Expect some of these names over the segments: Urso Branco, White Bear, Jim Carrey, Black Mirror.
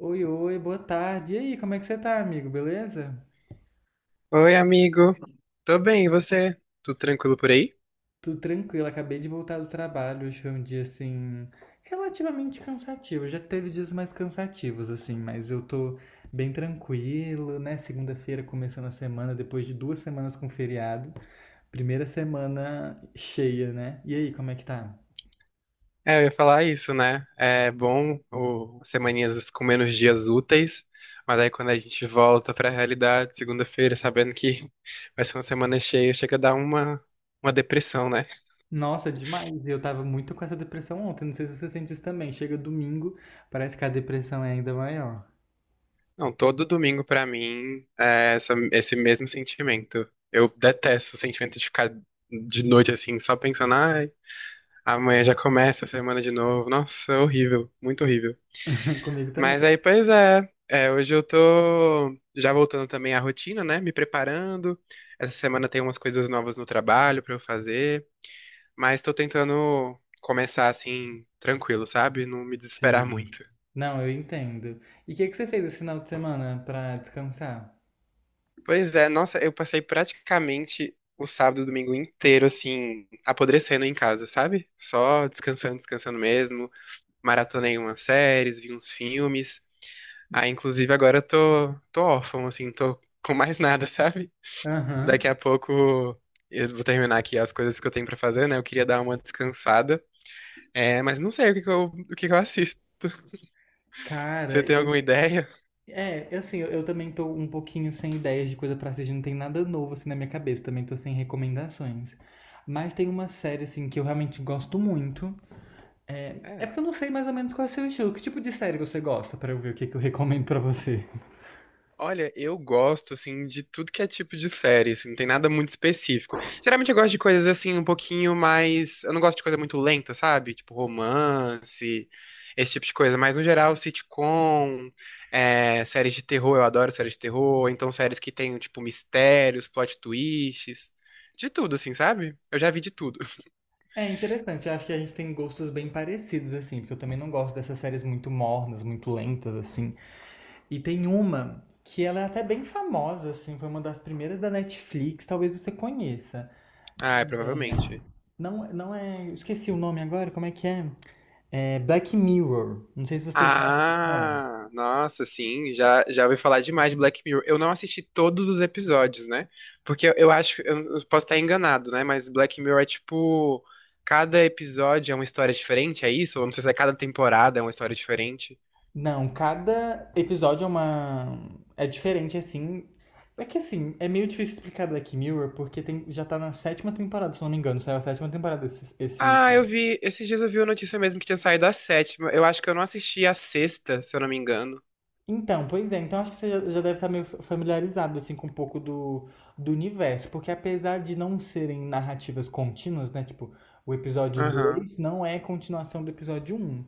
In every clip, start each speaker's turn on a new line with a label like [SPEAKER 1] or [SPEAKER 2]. [SPEAKER 1] Oi, oi, boa tarde. E aí, como é que você tá, amigo? Beleza?
[SPEAKER 2] Oi, amigo. Tô bem, e você? Tudo tranquilo por aí?
[SPEAKER 1] Tudo tranquilo, acabei de voltar do trabalho. Hoje foi um dia, assim, relativamente cansativo. Já teve dias mais cansativos, assim, mas eu tô bem tranquilo, né? Segunda-feira começando a semana, depois de 2 semanas com feriado. Primeira semana cheia, né? E aí, como é que tá?
[SPEAKER 2] É, eu ia falar isso, né? É bom o as semaninhas com menos dias úteis, mas aí quando a gente volta pra realidade, segunda-feira, sabendo que vai ser uma semana cheia, chega a dar uma depressão, né?
[SPEAKER 1] Nossa, demais. Eu tava muito com essa depressão ontem. Não sei se você sente isso também. Chega domingo, parece que a depressão é ainda maior.
[SPEAKER 2] Não, todo domingo pra mim é esse mesmo sentimento. Eu detesto o sentimento de ficar de noite assim, só pensando, ai, amanhã já começa a semana de novo. Nossa, é horrível, muito horrível.
[SPEAKER 1] Comigo também.
[SPEAKER 2] Mas aí, pois é. É, hoje eu tô já voltando também à rotina, né? Me preparando. Essa semana tem umas coisas novas no trabalho pra eu fazer, mas tô tentando começar assim, tranquilo, sabe? Não me desesperar
[SPEAKER 1] Sim.
[SPEAKER 2] muito.
[SPEAKER 1] Não, eu entendo. E o que que você fez esse final de semana pra descansar?
[SPEAKER 2] Pois é, nossa, eu passei praticamente o sábado e o domingo inteiro assim, apodrecendo em casa, sabe? Só descansando, descansando mesmo. Maratonei umas séries, vi uns filmes. Aí, inclusive, agora eu tô órfão, assim, tô com mais nada, sabe? Daqui
[SPEAKER 1] Aham.
[SPEAKER 2] a pouco eu vou terminar aqui as coisas que eu tenho pra fazer, né? Eu queria dar uma descansada. É, mas não sei o que que eu assisto. Você
[SPEAKER 1] Cara,
[SPEAKER 2] tem
[SPEAKER 1] eu.
[SPEAKER 2] alguma ideia?
[SPEAKER 1] É, eu, assim, eu também tô um pouquinho sem ideias de coisa pra assistir, não tem nada novo assim na minha cabeça, também tô sem recomendações. Mas tem uma série, assim, que eu realmente gosto muito. É porque
[SPEAKER 2] É.
[SPEAKER 1] eu não sei mais ou menos qual é o seu estilo. Que tipo de série você gosta pra eu ver o que que eu recomendo pra você?
[SPEAKER 2] Olha, eu gosto, assim, de tudo que é tipo de série, assim, não tem nada muito específico. Geralmente eu gosto de coisas, assim, um pouquinho mais... Eu não gosto de coisa muito lenta, sabe? Tipo romance, esse tipo de coisa. Mas, no geral, sitcom, é, séries de terror, eu adoro séries de terror. Ou Então, séries que tem, tipo, mistérios, plot twists, de tudo, assim, sabe? Eu já vi de tudo.
[SPEAKER 1] É interessante, eu acho que a gente tem gostos bem parecidos, assim, porque eu também não gosto dessas séries muito mornas, muito lentas, assim. E tem uma que ela é até bem famosa, assim, foi uma das primeiras da Netflix, talvez você conheça.
[SPEAKER 2] Ah, é, provavelmente.
[SPEAKER 1] Não, não é. Esqueci o nome agora, como é que é? É Black Mirror. Não sei se você já ouviu falar.
[SPEAKER 2] Ah, nossa, sim, já ouvi falar demais de Black Mirror. Eu não assisti todos os episódios, né? Porque eu posso estar enganado, né? Mas Black Mirror é tipo, cada episódio é uma história diferente, é isso? Ou não sei se é cada temporada é uma história diferente.
[SPEAKER 1] Não, cada episódio é uma. É diferente, assim. É que assim, é meio difícil explicar Black Mirror, porque tem, já tá na sétima temporada, se eu não me engano, saiu a sétima temporada esse
[SPEAKER 2] Ah, eu vi, esses dias eu vi a notícia mesmo que tinha saído a sétima. Eu acho que eu não assisti a sexta, se eu não me engano.
[SPEAKER 1] Então, pois é. Então acho que você já deve estar meio familiarizado assim com um pouco do universo, porque apesar de não serem narrativas contínuas, né, tipo, o episódio
[SPEAKER 2] Aham.
[SPEAKER 1] 2 não é continuação do episódio um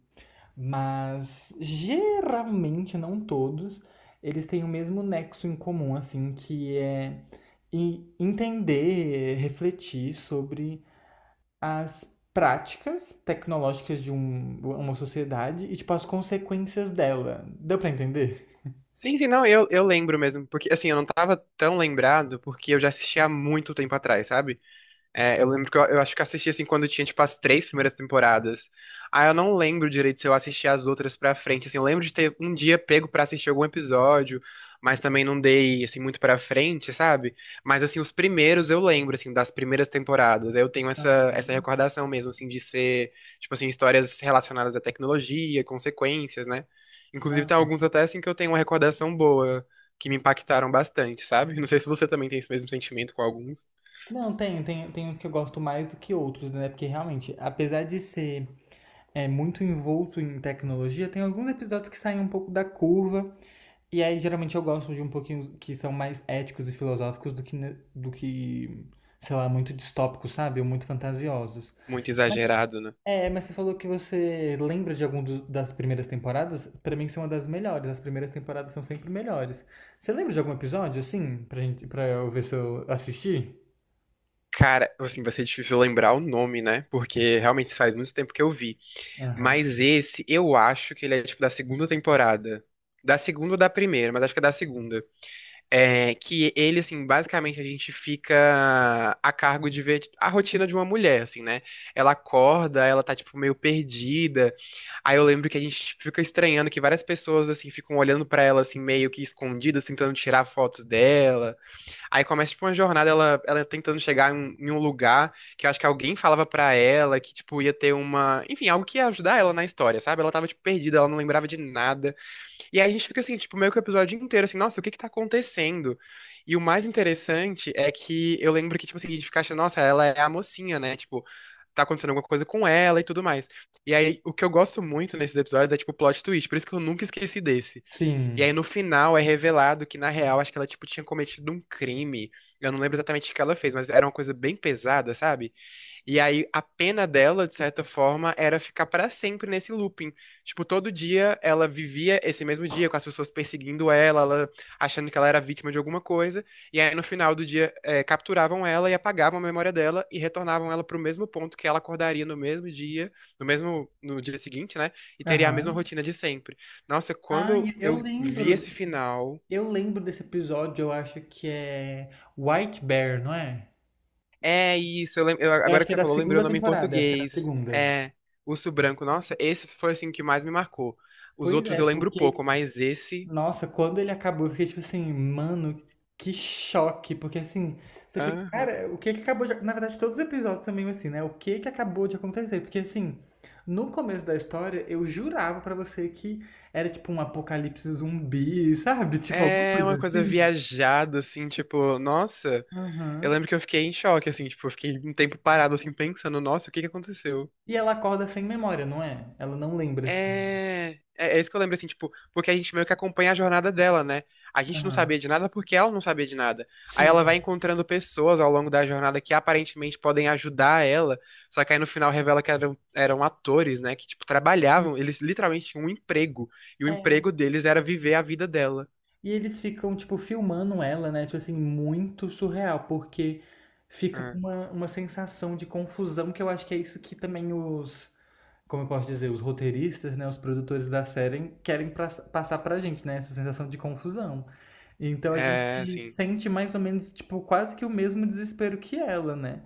[SPEAKER 1] mas geralmente, não todos, eles têm o mesmo nexo em comum, assim, que é entender, refletir sobre as práticas tecnológicas de uma sociedade e tipo as consequências dela. Deu pra entender?
[SPEAKER 2] Sim, sim, não, eu lembro mesmo, porque assim, eu não tava tão lembrado, porque eu já assisti há muito tempo atrás, sabe? É, eu lembro que eu acho que eu assisti assim quando tinha, tipo, as três primeiras temporadas. Ah, eu não lembro direito se eu assisti as outras pra frente. Assim, eu lembro de ter um dia pego pra assistir algum episódio, mas também não dei, assim, muito pra frente, sabe? Mas, assim, os primeiros eu lembro, assim, das primeiras temporadas. Eu tenho essa recordação mesmo, assim, de ser, tipo, assim, histórias relacionadas à tecnologia, consequências, né? Inclusive, tem
[SPEAKER 1] Aham.
[SPEAKER 2] alguns até, assim, que eu tenho uma recordação boa, que me impactaram bastante, sabe? Não sei se você também tem esse mesmo sentimento com alguns.
[SPEAKER 1] Não, tem uns que eu gosto mais do que outros, né? Porque realmente, apesar de ser muito envolto em tecnologia, tem alguns episódios que saem um pouco da curva. E aí, geralmente, eu gosto de um pouquinho que são mais éticos e filosóficos do que, sei lá, muito distópicos, sabe? Ou muito fantasiosos.
[SPEAKER 2] Muito
[SPEAKER 1] Mas,
[SPEAKER 2] exagerado, né?
[SPEAKER 1] mas você falou que você lembra de algum das primeiras temporadas? Pra mim, são uma das melhores. As primeiras temporadas são sempre melhores. Você lembra de algum episódio, assim, pra eu ver se eu assisti?
[SPEAKER 2] Cara, assim, vai ser difícil lembrar o nome, né? Porque realmente faz muito tempo que eu vi. Mas esse, eu acho que ele é tipo da segunda temporada. Da segunda ou da primeira, mas acho que é da segunda. É que ele, assim, basicamente a gente fica a cargo de ver tipo, a rotina de uma mulher, assim, né? Ela acorda, ela tá, tipo, meio perdida. Aí eu lembro que a gente tipo, fica estranhando que várias pessoas, assim, ficam olhando pra ela, assim, meio que escondidas, tentando tirar fotos dela. Aí começa, tipo, uma jornada, ela tentando chegar em um lugar que eu acho que alguém falava pra ela que, tipo, ia ter uma... Enfim, algo que ia ajudar ela na história, sabe? Ela tava, tipo, perdida, ela não lembrava de nada. E aí a gente fica, assim, tipo, meio que o episódio inteiro, assim, nossa, o que que tá acontecendo? E o mais interessante é que eu lembro que, tipo, assim, a gente fica achando, nossa, ela é a mocinha, né? Tipo, tá acontecendo alguma coisa com ela e tudo mais. E aí, o que eu gosto muito nesses episódios é, tipo, plot twist. Por isso que eu nunca esqueci desse. E
[SPEAKER 1] Sim.
[SPEAKER 2] aí no final é revelado que, na real, acho que ela, tipo, tinha cometido um crime. Eu não lembro exatamente o que ela fez, mas era uma coisa bem pesada, sabe? E aí a pena dela, de certa forma, era ficar pra sempre nesse looping. Tipo, todo dia ela vivia esse mesmo dia com as pessoas perseguindo ela, ela achando que ela era vítima de alguma coisa. E aí no final do dia capturavam ela e apagavam a memória dela e retornavam ela pro mesmo ponto que ela acordaria no mesmo dia, no dia seguinte, né? E teria a mesma
[SPEAKER 1] Aham.
[SPEAKER 2] rotina de sempre. Nossa, quando
[SPEAKER 1] Ai, eu
[SPEAKER 2] eu vi
[SPEAKER 1] lembro.
[SPEAKER 2] esse final.
[SPEAKER 1] Eu lembro desse episódio, eu acho que é White Bear, não é?
[SPEAKER 2] É isso,
[SPEAKER 1] Eu
[SPEAKER 2] agora
[SPEAKER 1] acho
[SPEAKER 2] que
[SPEAKER 1] que é
[SPEAKER 2] você
[SPEAKER 1] da
[SPEAKER 2] falou, lembrei o
[SPEAKER 1] segunda
[SPEAKER 2] nome em
[SPEAKER 1] temporada, eu acho que é da
[SPEAKER 2] português.
[SPEAKER 1] segunda.
[SPEAKER 2] É, Urso Branco. Nossa, esse foi assim o que mais me marcou. Os
[SPEAKER 1] Pois
[SPEAKER 2] outros
[SPEAKER 1] é,
[SPEAKER 2] eu lembro
[SPEAKER 1] porque,
[SPEAKER 2] pouco, mas esse.
[SPEAKER 1] nossa, quando ele acabou, eu fiquei tipo assim, mano, que choque. Porque assim, você fica,
[SPEAKER 2] Aham.
[SPEAKER 1] cara, o que que acabou de. Na verdade, todos os episódios são meio assim, né? O que que acabou de acontecer? Porque assim, no começo da história, eu jurava pra você que era tipo um apocalipse zumbi, sabe? Tipo, alguma
[SPEAKER 2] É
[SPEAKER 1] coisa
[SPEAKER 2] uma coisa
[SPEAKER 1] assim.
[SPEAKER 2] viajada, assim, tipo, nossa, eu
[SPEAKER 1] Aham.
[SPEAKER 2] lembro que eu fiquei em choque, assim, tipo, eu fiquei um tempo parado, assim, pensando, nossa, o que que aconteceu?
[SPEAKER 1] E ela acorda sem memória, não é? Ela não lembra, assim.
[SPEAKER 2] É, é isso que eu lembro, assim, tipo, porque a gente meio que acompanha a jornada dela, né? A gente não
[SPEAKER 1] Aham.
[SPEAKER 2] sabia de nada porque ela não sabia de nada. Aí ela vai
[SPEAKER 1] Sim.
[SPEAKER 2] encontrando pessoas ao longo da jornada que aparentemente podem ajudar ela, só que aí no final revela que eram atores, né? Que, tipo, trabalhavam, eles literalmente tinham um emprego, e o
[SPEAKER 1] É.
[SPEAKER 2] emprego deles era viver a vida dela.
[SPEAKER 1] E eles ficam, tipo, filmando ela, né? Tipo assim, muito surreal, porque fica com
[SPEAKER 2] Ah,
[SPEAKER 1] uma sensação de confusão, que eu acho que é isso que também os, como eu posso dizer, os roteiristas, né? Os produtores da série querem passar pra gente, né? Essa sensação de confusão. Então a
[SPEAKER 2] é,
[SPEAKER 1] gente
[SPEAKER 2] assim,
[SPEAKER 1] sente mais ou menos, tipo, quase que o mesmo desespero que ela, né?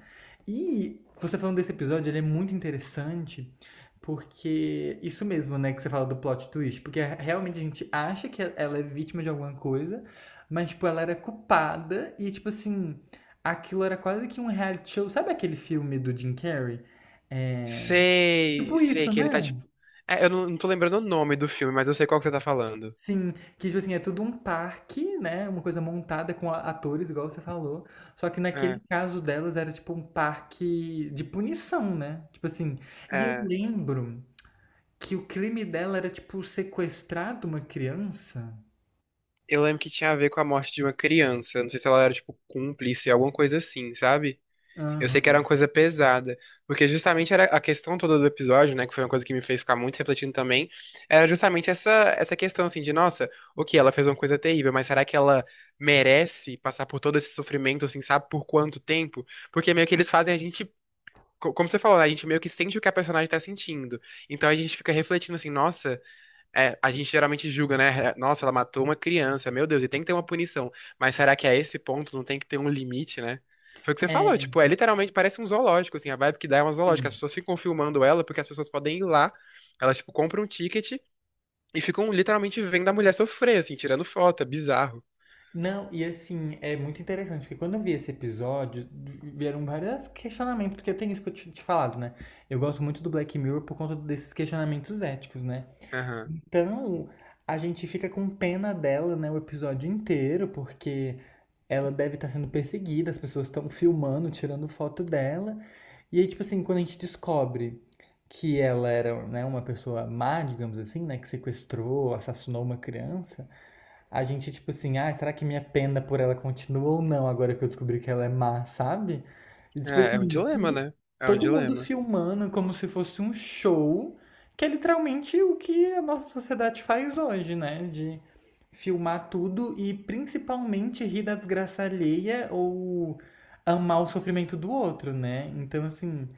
[SPEAKER 1] E você falando desse episódio, ele é muito interessante. Porque isso mesmo, né, que você fala do plot twist, porque realmente a gente acha que ela é vítima de alguma coisa, mas tipo ela era culpada e tipo assim, aquilo era quase que um reality show. Sabe aquele filme do Jim Carrey? É,
[SPEAKER 2] sei,
[SPEAKER 1] tipo
[SPEAKER 2] sei
[SPEAKER 1] isso,
[SPEAKER 2] que ele tá,
[SPEAKER 1] né?
[SPEAKER 2] tipo... é, eu não, não tô lembrando o nome do filme, mas eu sei qual que você tá falando.
[SPEAKER 1] Sim, que tipo assim, é tudo um parque, né? Uma coisa montada com atores, igual você falou. Só que naquele
[SPEAKER 2] É,
[SPEAKER 1] caso delas era tipo um parque de punição, né? Tipo assim, e eu
[SPEAKER 2] é.
[SPEAKER 1] lembro que o crime dela era, tipo, sequestrar de uma criança?
[SPEAKER 2] Eu lembro que tinha a ver com a morte de uma criança. Não sei se ela era, tipo, cúmplice, alguma coisa assim, sabe? Eu sei que era uma
[SPEAKER 1] Aham.
[SPEAKER 2] coisa pesada. Porque justamente era a questão toda do episódio, né? Que foi uma coisa que me fez ficar muito refletindo também. Era justamente essa questão, assim, de, nossa, ok, ela fez uma coisa terrível, mas será que ela merece passar por todo esse sofrimento, assim, sabe por quanto tempo? Porque meio que eles fazem a gente. Como você falou, né, a gente meio que sente o que a personagem tá sentindo. Então a gente fica refletindo assim, nossa. É, a gente geralmente julga, né? É, nossa, ela matou uma criança, meu Deus, e tem que ter uma punição. Mas será que a esse ponto não tem que ter um limite, né? Foi o que você falou,
[SPEAKER 1] É,
[SPEAKER 2] tipo, é literalmente parece um zoológico, assim, a vibe que dá é uma zoológica. As
[SPEAKER 1] sim.
[SPEAKER 2] pessoas ficam filmando ela porque as pessoas podem ir lá, elas, tipo, compram um ticket e ficam literalmente vendo a mulher sofrer, assim, tirando foto, é bizarro.
[SPEAKER 1] Não, e assim, é muito interessante, porque quando eu vi esse episódio, vieram vários questionamentos, porque tem isso que eu tinha te falado, né? Eu gosto muito do Black Mirror por conta desses questionamentos éticos, né?
[SPEAKER 2] Aham.
[SPEAKER 1] Então, a gente fica com pena dela, né, o episódio inteiro, porque ela deve estar sendo perseguida, as pessoas estão filmando, tirando foto dela. E aí, tipo assim, quando a gente descobre que ela era, né, uma pessoa má, digamos assim, né, que sequestrou, assassinou uma criança, a gente, tipo assim, ah, será que minha pena por ela continua ou não agora que eu descobri que ela é má, sabe? E, tipo
[SPEAKER 2] É, é um
[SPEAKER 1] assim,
[SPEAKER 2] dilema, né? É um
[SPEAKER 1] todo mundo
[SPEAKER 2] dilema.
[SPEAKER 1] filmando como se fosse um show, que é literalmente o que a nossa sociedade faz hoje, né? De filmar tudo e principalmente rir da desgraça alheia ou amar o sofrimento do outro, né? Então, assim,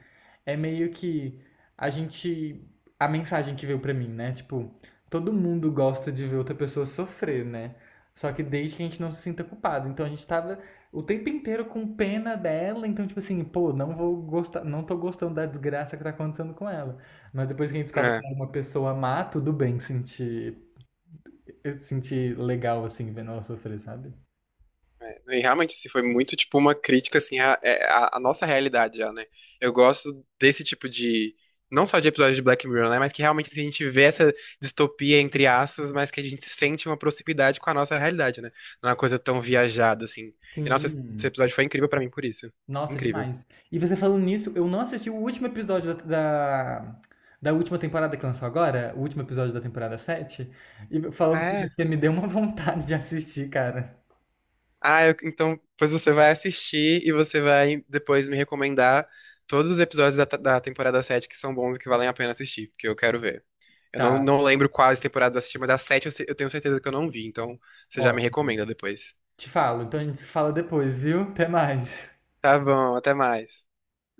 [SPEAKER 1] é meio que a gente. A mensagem que veio pra mim, né? Tipo, todo mundo gosta de ver outra pessoa sofrer, né? Só que desde que a gente não se sinta culpado. Então a gente tava o tempo inteiro com pena dela, então, tipo assim, pô, não vou gostar, não tô gostando da desgraça que tá acontecendo com ela. Mas depois que a gente descobre que
[SPEAKER 2] É.
[SPEAKER 1] ela é uma pessoa má, tudo bem sentir, eu sentir legal, assim, vendo ela sofrer, sabe?
[SPEAKER 2] E realmente, assim, foi muito tipo uma crítica assim à nossa realidade já, né? Eu gosto desse tipo de, não só de episódio de Black Mirror, né, mas que realmente assim, a gente vê essa distopia entre aspas, mas que a gente sente uma proximidade com a nossa realidade, né? Não é uma coisa tão viajada assim. E nossa, esse
[SPEAKER 1] Sim.
[SPEAKER 2] episódio foi incrível pra mim por isso.
[SPEAKER 1] Nossa,
[SPEAKER 2] Incrível.
[SPEAKER 1] demais. E você falando nisso, eu não assisti o último episódio da, da, da última temporada que lançou agora, o último episódio da temporada 7 e falando com
[SPEAKER 2] É.
[SPEAKER 1] você me deu uma vontade de assistir, cara.
[SPEAKER 2] Ah, então pois você vai assistir e você vai depois me recomendar todos os episódios da temporada 7 que são bons e que valem a pena assistir, porque eu quero ver. Eu
[SPEAKER 1] Tá,
[SPEAKER 2] não lembro quais temporadas eu assisti, mas a 7 eu, eu tenho certeza que eu não vi, então você
[SPEAKER 1] ó,
[SPEAKER 2] já me recomenda depois.
[SPEAKER 1] te falo, então a gente se fala depois, viu? Até mais.
[SPEAKER 2] Tá bom, até mais.